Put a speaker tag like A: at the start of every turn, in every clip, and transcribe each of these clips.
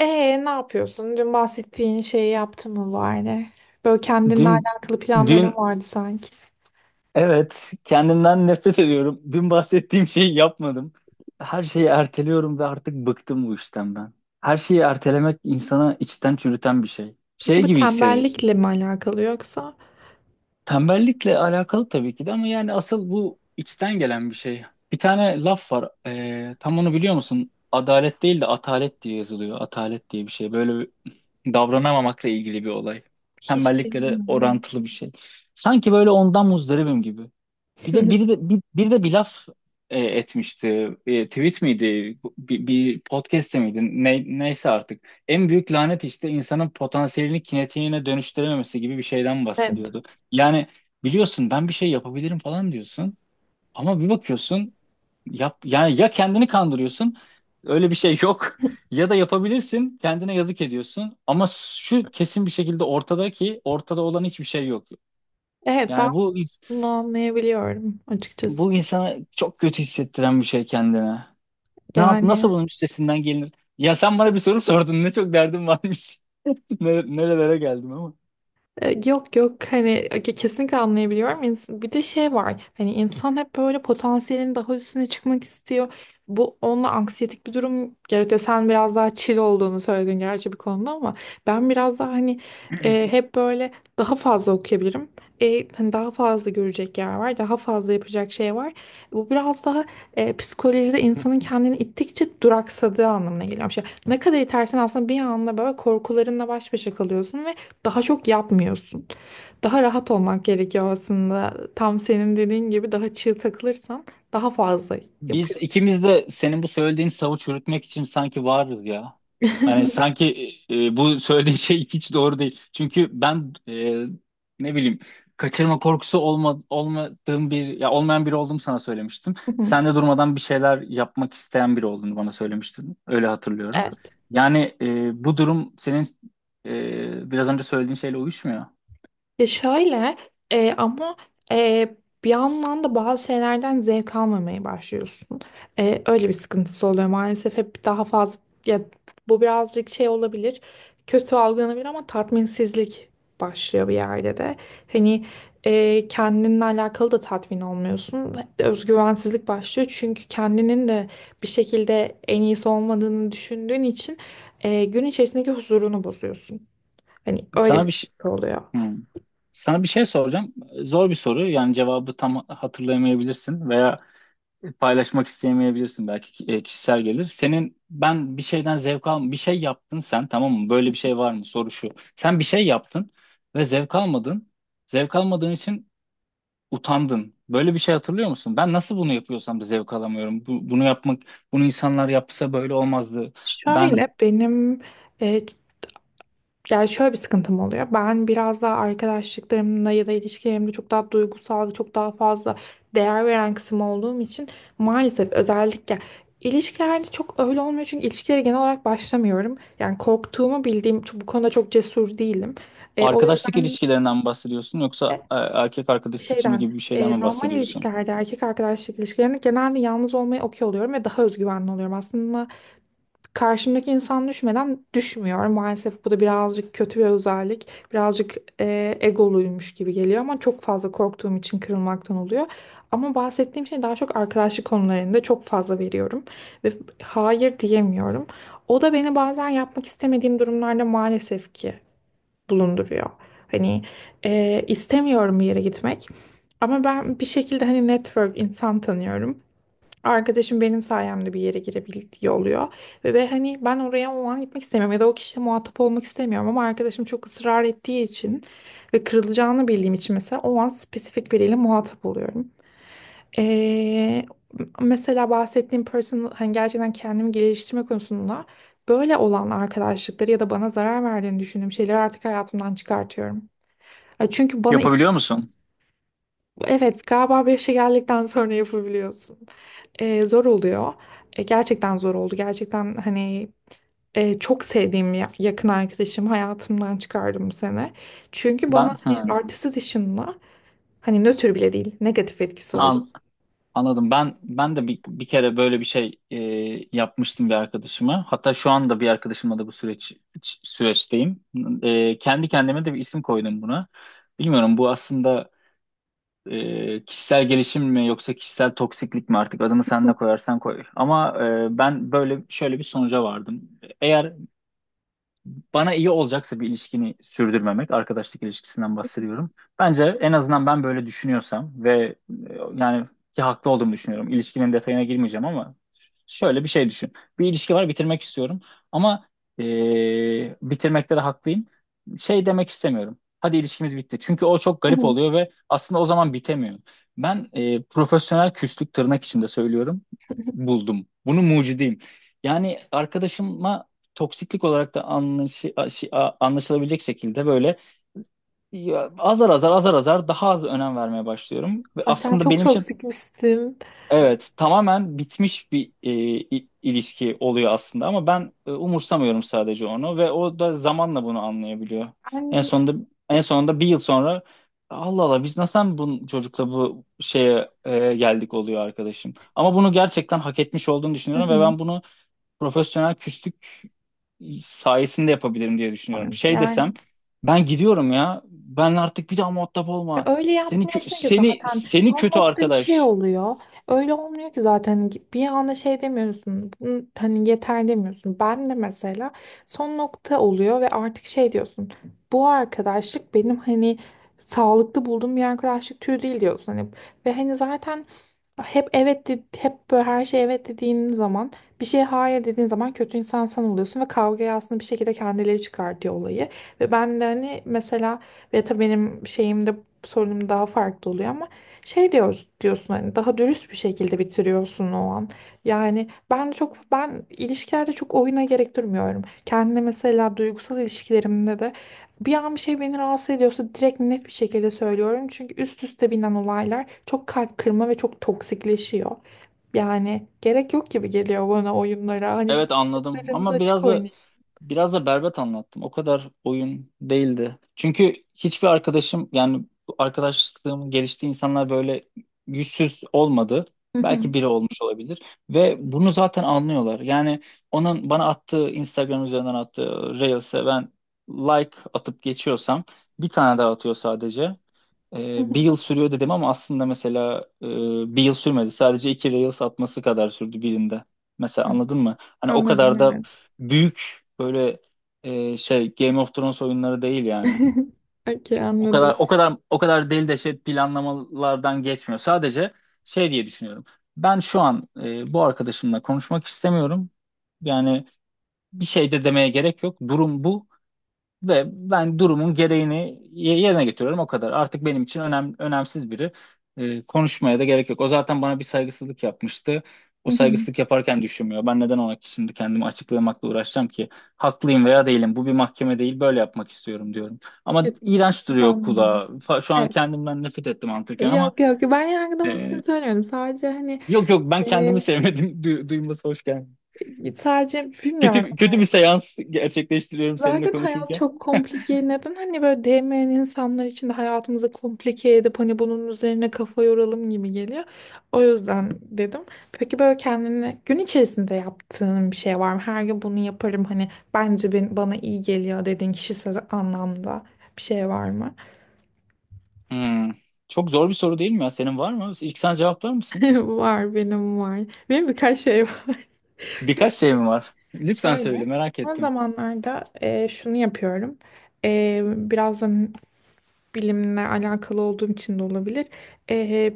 A: Ne yapıyorsun? Dün bahsettiğin şeyi yaptın mı bari? Böyle kendinle
B: Dün,
A: alakalı planların
B: dün
A: vardı sanki.
B: evet, kendimden nefret ediyorum. Dün bahsettiğim şeyi yapmadım. Her şeyi erteliyorum ve artık bıktım bu işten ben. Her şeyi ertelemek insana içten çürüten bir şey.
A: Peki
B: Şey
A: bu
B: gibi hissediyorsun.
A: tembellikle mi alakalı yoksa
B: Tembellikle alakalı tabii ki de ama yani asıl bu içten gelen bir şey. Bir tane laf var. Tam onu biliyor musun? Adalet değil de atalet diye yazılıyor. Atalet diye bir şey. Böyle bir davranamamakla ilgili bir olay.
A: hiç
B: Tembellikle de
A: bilmiyorum.
B: orantılı bir şey. Sanki böyle ondan muzdaribim gibi. Bir de biri de bir, biri de bir laf etmişti. Tweet miydi? Bir podcast'te miydi? Neyse artık. En büyük lanet işte insanın potansiyelini kinetiğine dönüştürememesi gibi bir şeyden
A: Evet.
B: bahsediyordu. Yani biliyorsun, ben bir şey yapabilirim falan diyorsun, ama bir bakıyorsun yap, yani ya kendini kandırıyorsun, öyle bir şey yok ya da yapabilirsin, kendine yazık ediyorsun, ama şu kesin bir şekilde ortada ki ortada olan hiçbir şey yok.
A: Evet ben
B: Yani bu
A: bunu anlayabiliyorum açıkçası.
B: bu insana çok kötü hissettiren bir şey, kendine. Ne yap, nasıl
A: Yani
B: bunun üstesinden gelinir? Ya sen bana bir soru sordun. Ne çok derdim varmış. Ne, Nerelere geldim ama.
A: Yok yok hani kesinlikle anlayabiliyorum. Bir de şey var hani insan hep böyle potansiyelin daha üstüne çıkmak istiyor. Bu onunla anksiyetik bir durum yaratıyor. Sen biraz daha chill olduğunu söyledin gerçi bir konuda ama ben biraz daha hani hep böyle daha fazla okuyabilirim. Hani daha fazla görecek yer var, daha fazla yapacak şey var. Bu biraz daha psikolojide insanın kendini ittikçe duraksadığı anlamına geliyor. Şey, ne kadar itersen aslında bir anda böyle korkularınla baş başa kalıyorsun ve daha çok yapmıyorsun. Daha rahat olmak gerekiyor aslında. Tam senin dediğin gibi daha çığ takılırsan daha fazla
B: Biz
A: yapıyor.
B: ikimiz de senin bu söylediğin savı çürütmek için sanki varız ya. Hani sanki bu söylediğin şey hiç doğru değil. Çünkü ben, ne bileyim, kaçırma korkusu olmadığım bir, ya olmayan biri olduğumu sana söylemiştim. Sen de durmadan bir şeyler yapmak isteyen biri olduğunu bana söylemiştin. Öyle hatırlıyorum.
A: Evet.
B: Yani bu durum senin biraz önce söylediğin şeyle uyuşmuyor.
A: Ya şöyle e, ama e, bir yandan da bazı şeylerden zevk almamaya başlıyorsun. Öyle bir sıkıntısı oluyor maalesef hep daha fazla ya, bu birazcık şey olabilir, kötü algılanabilir ama tatminsizlik başlıyor bir yerde de. Hani kendinle alakalı da tatmin olmuyorsun. Özgüvensizlik başlıyor çünkü kendinin de bir şekilde en iyisi olmadığını düşündüğün için gün içerisindeki huzurunu bozuyorsun. Hani öyle
B: Sana
A: bir
B: bir şey,
A: sıkıntı oluyor.
B: hmm. Sana bir şey soracağım. Zor bir soru. Yani cevabı tam hatırlayamayabilirsin veya paylaşmak istemeyebilirsin, belki kişisel gelir. Senin, ben bir şeyden zevk al, bir şey yaptın sen, tamam mı? Böyle bir şey var mı? Soru şu. Sen bir şey yaptın ve zevk almadın. Zevk almadığın için utandın. Böyle bir şey hatırlıyor musun? Ben nasıl bunu yapıyorsam da zevk alamıyorum. Bunu yapmak, bunu insanlar yapsa böyle olmazdı.
A: Şöyle
B: Ben,
A: benim e, yani şöyle bir sıkıntım oluyor. Ben biraz daha arkadaşlıklarımla ya da ilişkilerimde çok daha duygusal ve çok daha fazla değer veren kısım olduğum için maalesef özellikle ilişkilerde çok öyle olmuyor. Çünkü ilişkilere genel olarak başlamıyorum. Yani korktuğumu bildiğim bu konuda çok cesur değilim. O
B: arkadaşlık
A: yüzden
B: ilişkilerinden mi bahsediyorsun, yoksa erkek arkadaş seçimi
A: şeyden,
B: gibi bir şeyden mi
A: normal
B: bahsediyorsun?
A: ilişkilerde, erkek arkadaşlık ilişkilerinde genelde yalnız olmayı okey oluyorum ve daha özgüvenli oluyorum. Aslında karşımdaki insan düşmeden düşmüyor. Maalesef bu da birazcık kötü bir özellik. Birazcık egoluymuş gibi geliyor ama çok fazla korktuğum için kırılmaktan oluyor. Ama bahsettiğim şey daha çok arkadaşlık konularında çok fazla veriyorum ve hayır diyemiyorum. O da beni bazen yapmak istemediğim durumlarda maalesef ki bulunduruyor. Hani istemiyorum bir yere gitmek ama ben bir şekilde hani network insan tanıyorum. Arkadaşım benim sayemde bir yere girebiliyor oluyor. Ve hani ben oraya o an gitmek istemiyorum ya da o kişiyle muhatap olmak istemiyorum ama arkadaşım çok ısrar ettiği için ve kırılacağını bildiğim için mesela o an spesifik biriyle muhatap oluyorum. Ee, Mesela bahsettiğim person hani gerçekten kendimi geliştirme konusunda böyle olan arkadaşlıkları ya da bana zarar verdiğini düşündüğüm şeyleri artık hayatımdan çıkartıyorum. Ya çünkü bana
B: Yapabiliyor musun?
A: evet galiba bir yaşa geldikten sonra yapabiliyorsun, zor oluyor. Gerçekten zor oldu. Gerçekten hani çok sevdiğim yakın arkadaşım hayatımdan çıkardım bu sene. Çünkü bana
B: Ben
A: hani
B: hı,
A: artist's dışında hani nötr bile değil, negatif etkisi oldu.
B: Anladım. Ben, ben de bir kere böyle bir şey yapmıştım bir arkadaşıma. Hatta şu anda bir arkadaşımla da bu süreçteyim. Kendi kendime de bir isim koydum buna. Bilmiyorum, bu aslında kişisel gelişim mi yoksa kişisel toksiklik mi, artık adını sen ne koyarsan koy. Ama ben böyle şöyle bir sonuca vardım. Eğer bana iyi olacaksa bir ilişkini sürdürmemek, arkadaşlık ilişkisinden bahsediyorum. Bence en azından ben böyle düşünüyorsam ve yani ki haklı olduğumu düşünüyorum. İlişkinin detayına girmeyeceğim ama şöyle bir şey düşün. Bir ilişki var, bitirmek istiyorum ama e, bitirmekte de haklıyım. Şey demek istemiyorum: hadi ilişkimiz bitti. Çünkü o çok
A: Hı
B: garip
A: hı.
B: oluyor ve aslında o zaman bitemiyor. Ben profesyonel küslük, tırnak içinde söylüyorum. Buldum. Bunu mucidiyim. Yani arkadaşıma toksiklik olarak da anlaşılabilecek şekilde böyle, ya, azar azar azar azar daha az önem vermeye başlıyorum. Ve
A: Ay sen
B: aslında
A: çok
B: benim için
A: toksikmişsin.
B: evet, tamamen bitmiş bir ilişki oluyor aslında, ama ben umursamıyorum sadece onu, ve o da zamanla bunu anlayabiliyor. En
A: Ben.
B: sonunda en sonunda bir yıl sonra, Allah Allah, biz nasıl bu çocukla bu şeye geldik, oluyor arkadaşım. Ama bunu gerçekten hak etmiş olduğunu
A: Hı
B: düşünüyorum ve
A: hı.
B: ben bunu profesyonel küslük sayesinde yapabilirim diye düşünüyorum.
A: Sanırım.
B: Şey desem,
A: Yani
B: ben gidiyorum ya. Ben artık bir daha muhatap
A: ya,
B: olma.
A: öyle
B: Seni kö-
A: yapmıyorsun ki
B: seni
A: zaten,
B: seni
A: son
B: kötü
A: nokta bir şey
B: arkadaş.
A: oluyor. Öyle olmuyor ki zaten, bir anda şey demiyorsun. "Bunu-" Hani yeter demiyorsun. Ben de mesela son nokta oluyor ve artık şey diyorsun. Bu arkadaşlık benim hani sağlıklı bulduğum bir arkadaşlık türü değil diyorsun. Hani, ve hani zaten hep hep böyle her şey evet dediğin zaman, bir şey hayır dediğin zaman kötü insan sen oluyorsun ve kavgayı aslında bir şekilde kendileri çıkartıyor olayı. Ve ben de hani mesela ve tabii benim şeyimde sorunum daha farklı oluyor ama şey diyoruz diyorsun hani, daha dürüst bir şekilde bitiriyorsun o an. Yani ben ilişkilerde çok oyuna gerek durmuyorum. Kendine mesela duygusal ilişkilerimde de bir an bir şey beni rahatsız ediyorsa direkt net bir şekilde söylüyorum. Çünkü üst üste binen olaylar çok kalp kırma ve çok toksikleşiyor. Yani gerek yok gibi geliyor bana oyunlara. Hani bir,
B: Evet, anladım
A: kartlarımızı
B: ama
A: açık
B: biraz da
A: oynayalım.
B: Biraz da berbat anlattım. O kadar oyun değildi. Çünkü hiçbir arkadaşım, yani arkadaşlığım geliştiği insanlar böyle yüzsüz olmadı.
A: Hı hı.
B: Belki biri olmuş olabilir. Ve bunu zaten anlıyorlar. Yani onun bana attığı, Instagram üzerinden attığı Reels'e ben like atıp geçiyorsam, bir tane daha atıyor sadece.
A: Hı hı.
B: Bir yıl sürüyor dedim ama aslında, mesela, bir yıl sürmedi. Sadece iki Reels atması kadar sürdü birinde. Mesela,
A: Hı.
B: anladın mı? Hani o
A: Anladım,
B: kadar da
A: evet.
B: büyük böyle Game of Thrones oyunları değil yani.
A: Okey,
B: O kadar,
A: anladım.
B: o kadar, o kadar deli deşet planlamalardan geçmiyor. Sadece şey diye düşünüyorum: ben şu an bu arkadaşımla konuşmak istemiyorum. Yani bir şey de demeye gerek yok. Durum bu. Ve ben durumun gereğini yerine getiriyorum, o kadar. Artık benim için önemsiz biri. Konuşmaya da gerek yok. O zaten bana bir saygısızlık yapmıştı. O
A: Hı hı.
B: saygısızlık yaparken düşünmüyor. Ben neden ona şimdi kendimi açıklamakla uğraşacağım ki? Haklıyım veya değilim, bu bir mahkeme değil. Böyle yapmak istiyorum diyorum. Ama
A: Yok,
B: iğrenç
A: hiç
B: duruyor kulağa.
A: anlıyorum.
B: Şu an
A: Evet.
B: kendimden nefret ettim anlatırken ama
A: Yok yok, ben yargılamak
B: e,
A: için söylemiyorum. Sadece hani
B: yok yok, ben kendimi
A: e,
B: sevmedim. Duyması hoş geldi.
A: sadece bilmiyorum.
B: Kötü, kötü bir seans gerçekleştiriyorum seninle
A: Zaten hayat
B: konuşurken.
A: çok komplike. Neden hani böyle değmeyen insanlar için de hayatımızı komplike edip hani bunun üzerine kafa yoralım gibi geliyor. O yüzden dedim. Peki böyle kendine gün içerisinde yaptığın bir şey var mı? Her gün bunu yaparım hani, bence ben, bana iyi geliyor dediğin kişisel anlamda bir şey var mı?
B: Hmm. Çok zor bir soru değil mi ya? Senin var mı? İlk sen cevaplar mısın?
A: Var, benim var. Benim birkaç şey var.
B: Birkaç şey mi var? Lütfen söyle,
A: Şöyle,
B: merak
A: son
B: ettim.
A: zamanlarda şunu yapıyorum. Biraz bilimle alakalı olduğum için de olabilir. E,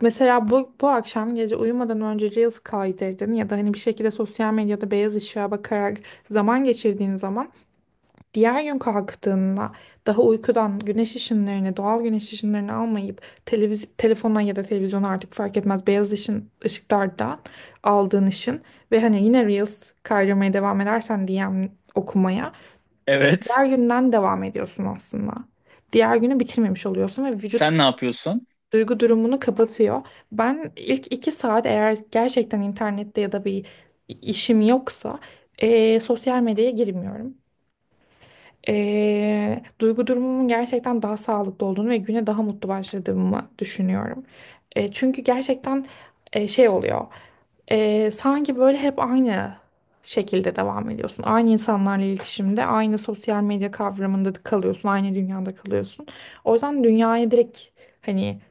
A: Mesela bu akşam gece uyumadan önce Reels kaydırdın ya da hani bir şekilde sosyal medyada beyaz ışığa bakarak zaman geçirdiğin zaman, diğer gün kalktığında daha uykudan güneş ışınlarını, doğal güneş ışınlarını almayıp telefona ya da televizyona, artık fark etmez, beyaz ışın, ışıklardan aldığın ışın ve hani yine Reels kaydırmaya devam edersen, DM okumaya,
B: Evet.
A: diğer günden devam ediyorsun aslında. Diğer günü bitirmemiş oluyorsun ve vücut
B: Sen ne yapıyorsun?
A: duygu durumunu kapatıyor. Ben ilk 2 saat eğer gerçekten internette ya da bir işim yoksa sosyal medyaya girmiyorum. Duygu durumumun gerçekten daha sağlıklı olduğunu ve güne daha mutlu başladığımı düşünüyorum. Çünkü gerçekten şey oluyor. Sanki böyle hep aynı şekilde devam ediyorsun. Aynı insanlarla iletişimde, aynı sosyal medya kavramında kalıyorsun, aynı dünyada kalıyorsun. O yüzden dünyaya direkt hani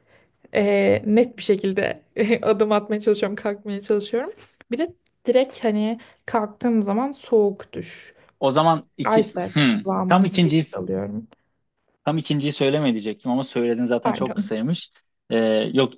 A: net bir şekilde adım atmaya çalışıyorum, kalkmaya çalışıyorum. Bir de direkt hani kalktığım zaman soğuk duş.
B: O zaman iki...
A: Iceberg
B: Hmm. Tam
A: kıvamında bir
B: ikinciyi
A: duş alıyorum.
B: Tam ikinciyi söyleme diyecektim ama söyledin zaten, çok
A: Pardon.
B: kısaymış. Ee, Yok,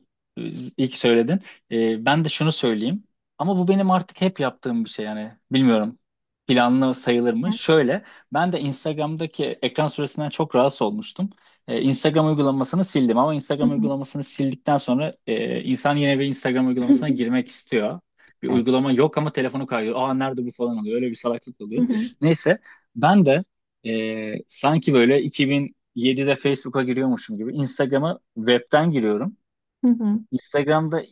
B: ilk söyledin. Ben de şunu söyleyeyim. Ama bu benim artık hep yaptığım bir şey yani. Bilmiyorum, planlı sayılır mı? Şöyle, ben de Instagram'daki ekran süresinden çok rahatsız olmuştum. Instagram uygulamasını sildim, ama
A: Hı
B: Instagram
A: hı hı.
B: uygulamasını sildikten sonra insan yine bir Instagram uygulamasına girmek istiyor. Bir
A: Evet.
B: uygulama yok ama telefonu kayıyor. Aa, nerede bu, falan oluyor. Öyle bir salaklık
A: Hı
B: oluyor.
A: hı
B: Neyse, ben de sanki böyle 2000 7'de Facebook'a giriyormuşum gibi Instagram'a webten giriyorum.
A: hı hı.
B: Instagram'da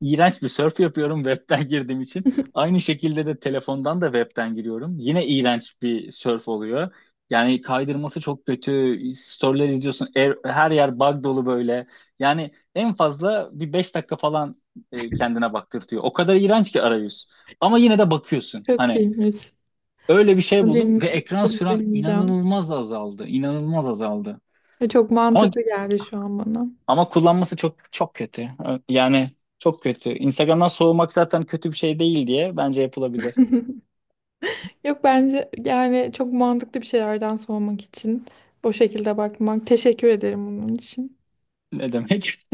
B: iğrenç bir surf yapıyorum webten girdiğim için. Aynı şekilde de telefondan da webten giriyorum. Yine iğrenç bir surf oluyor. Yani kaydırması çok kötü. Story'ler izliyorsun. Her yer bug dolu böyle. Yani en fazla bir 5 dakika falan kendine baktırtıyor. O kadar iğrenç ki arayüz. Ama yine de bakıyorsun.
A: Çok
B: Hani
A: iyiymiş.
B: öyle bir şey
A: Bunu,
B: buldum
A: den
B: ve ekran
A: bunu
B: sürem
A: deneyeceğim.
B: inanılmaz azaldı. İnanılmaz azaldı.
A: Ve çok
B: Ama,
A: mantıklı geldi şu an bana.
B: Kullanması çok çok kötü. Yani çok kötü. Instagram'dan soğumak zaten kötü bir şey değil diye bence yapılabilir.
A: Yok bence yani çok mantıklı bir şeylerden sormak için. O şekilde bakmak. Teşekkür ederim bunun için.
B: Ne demek?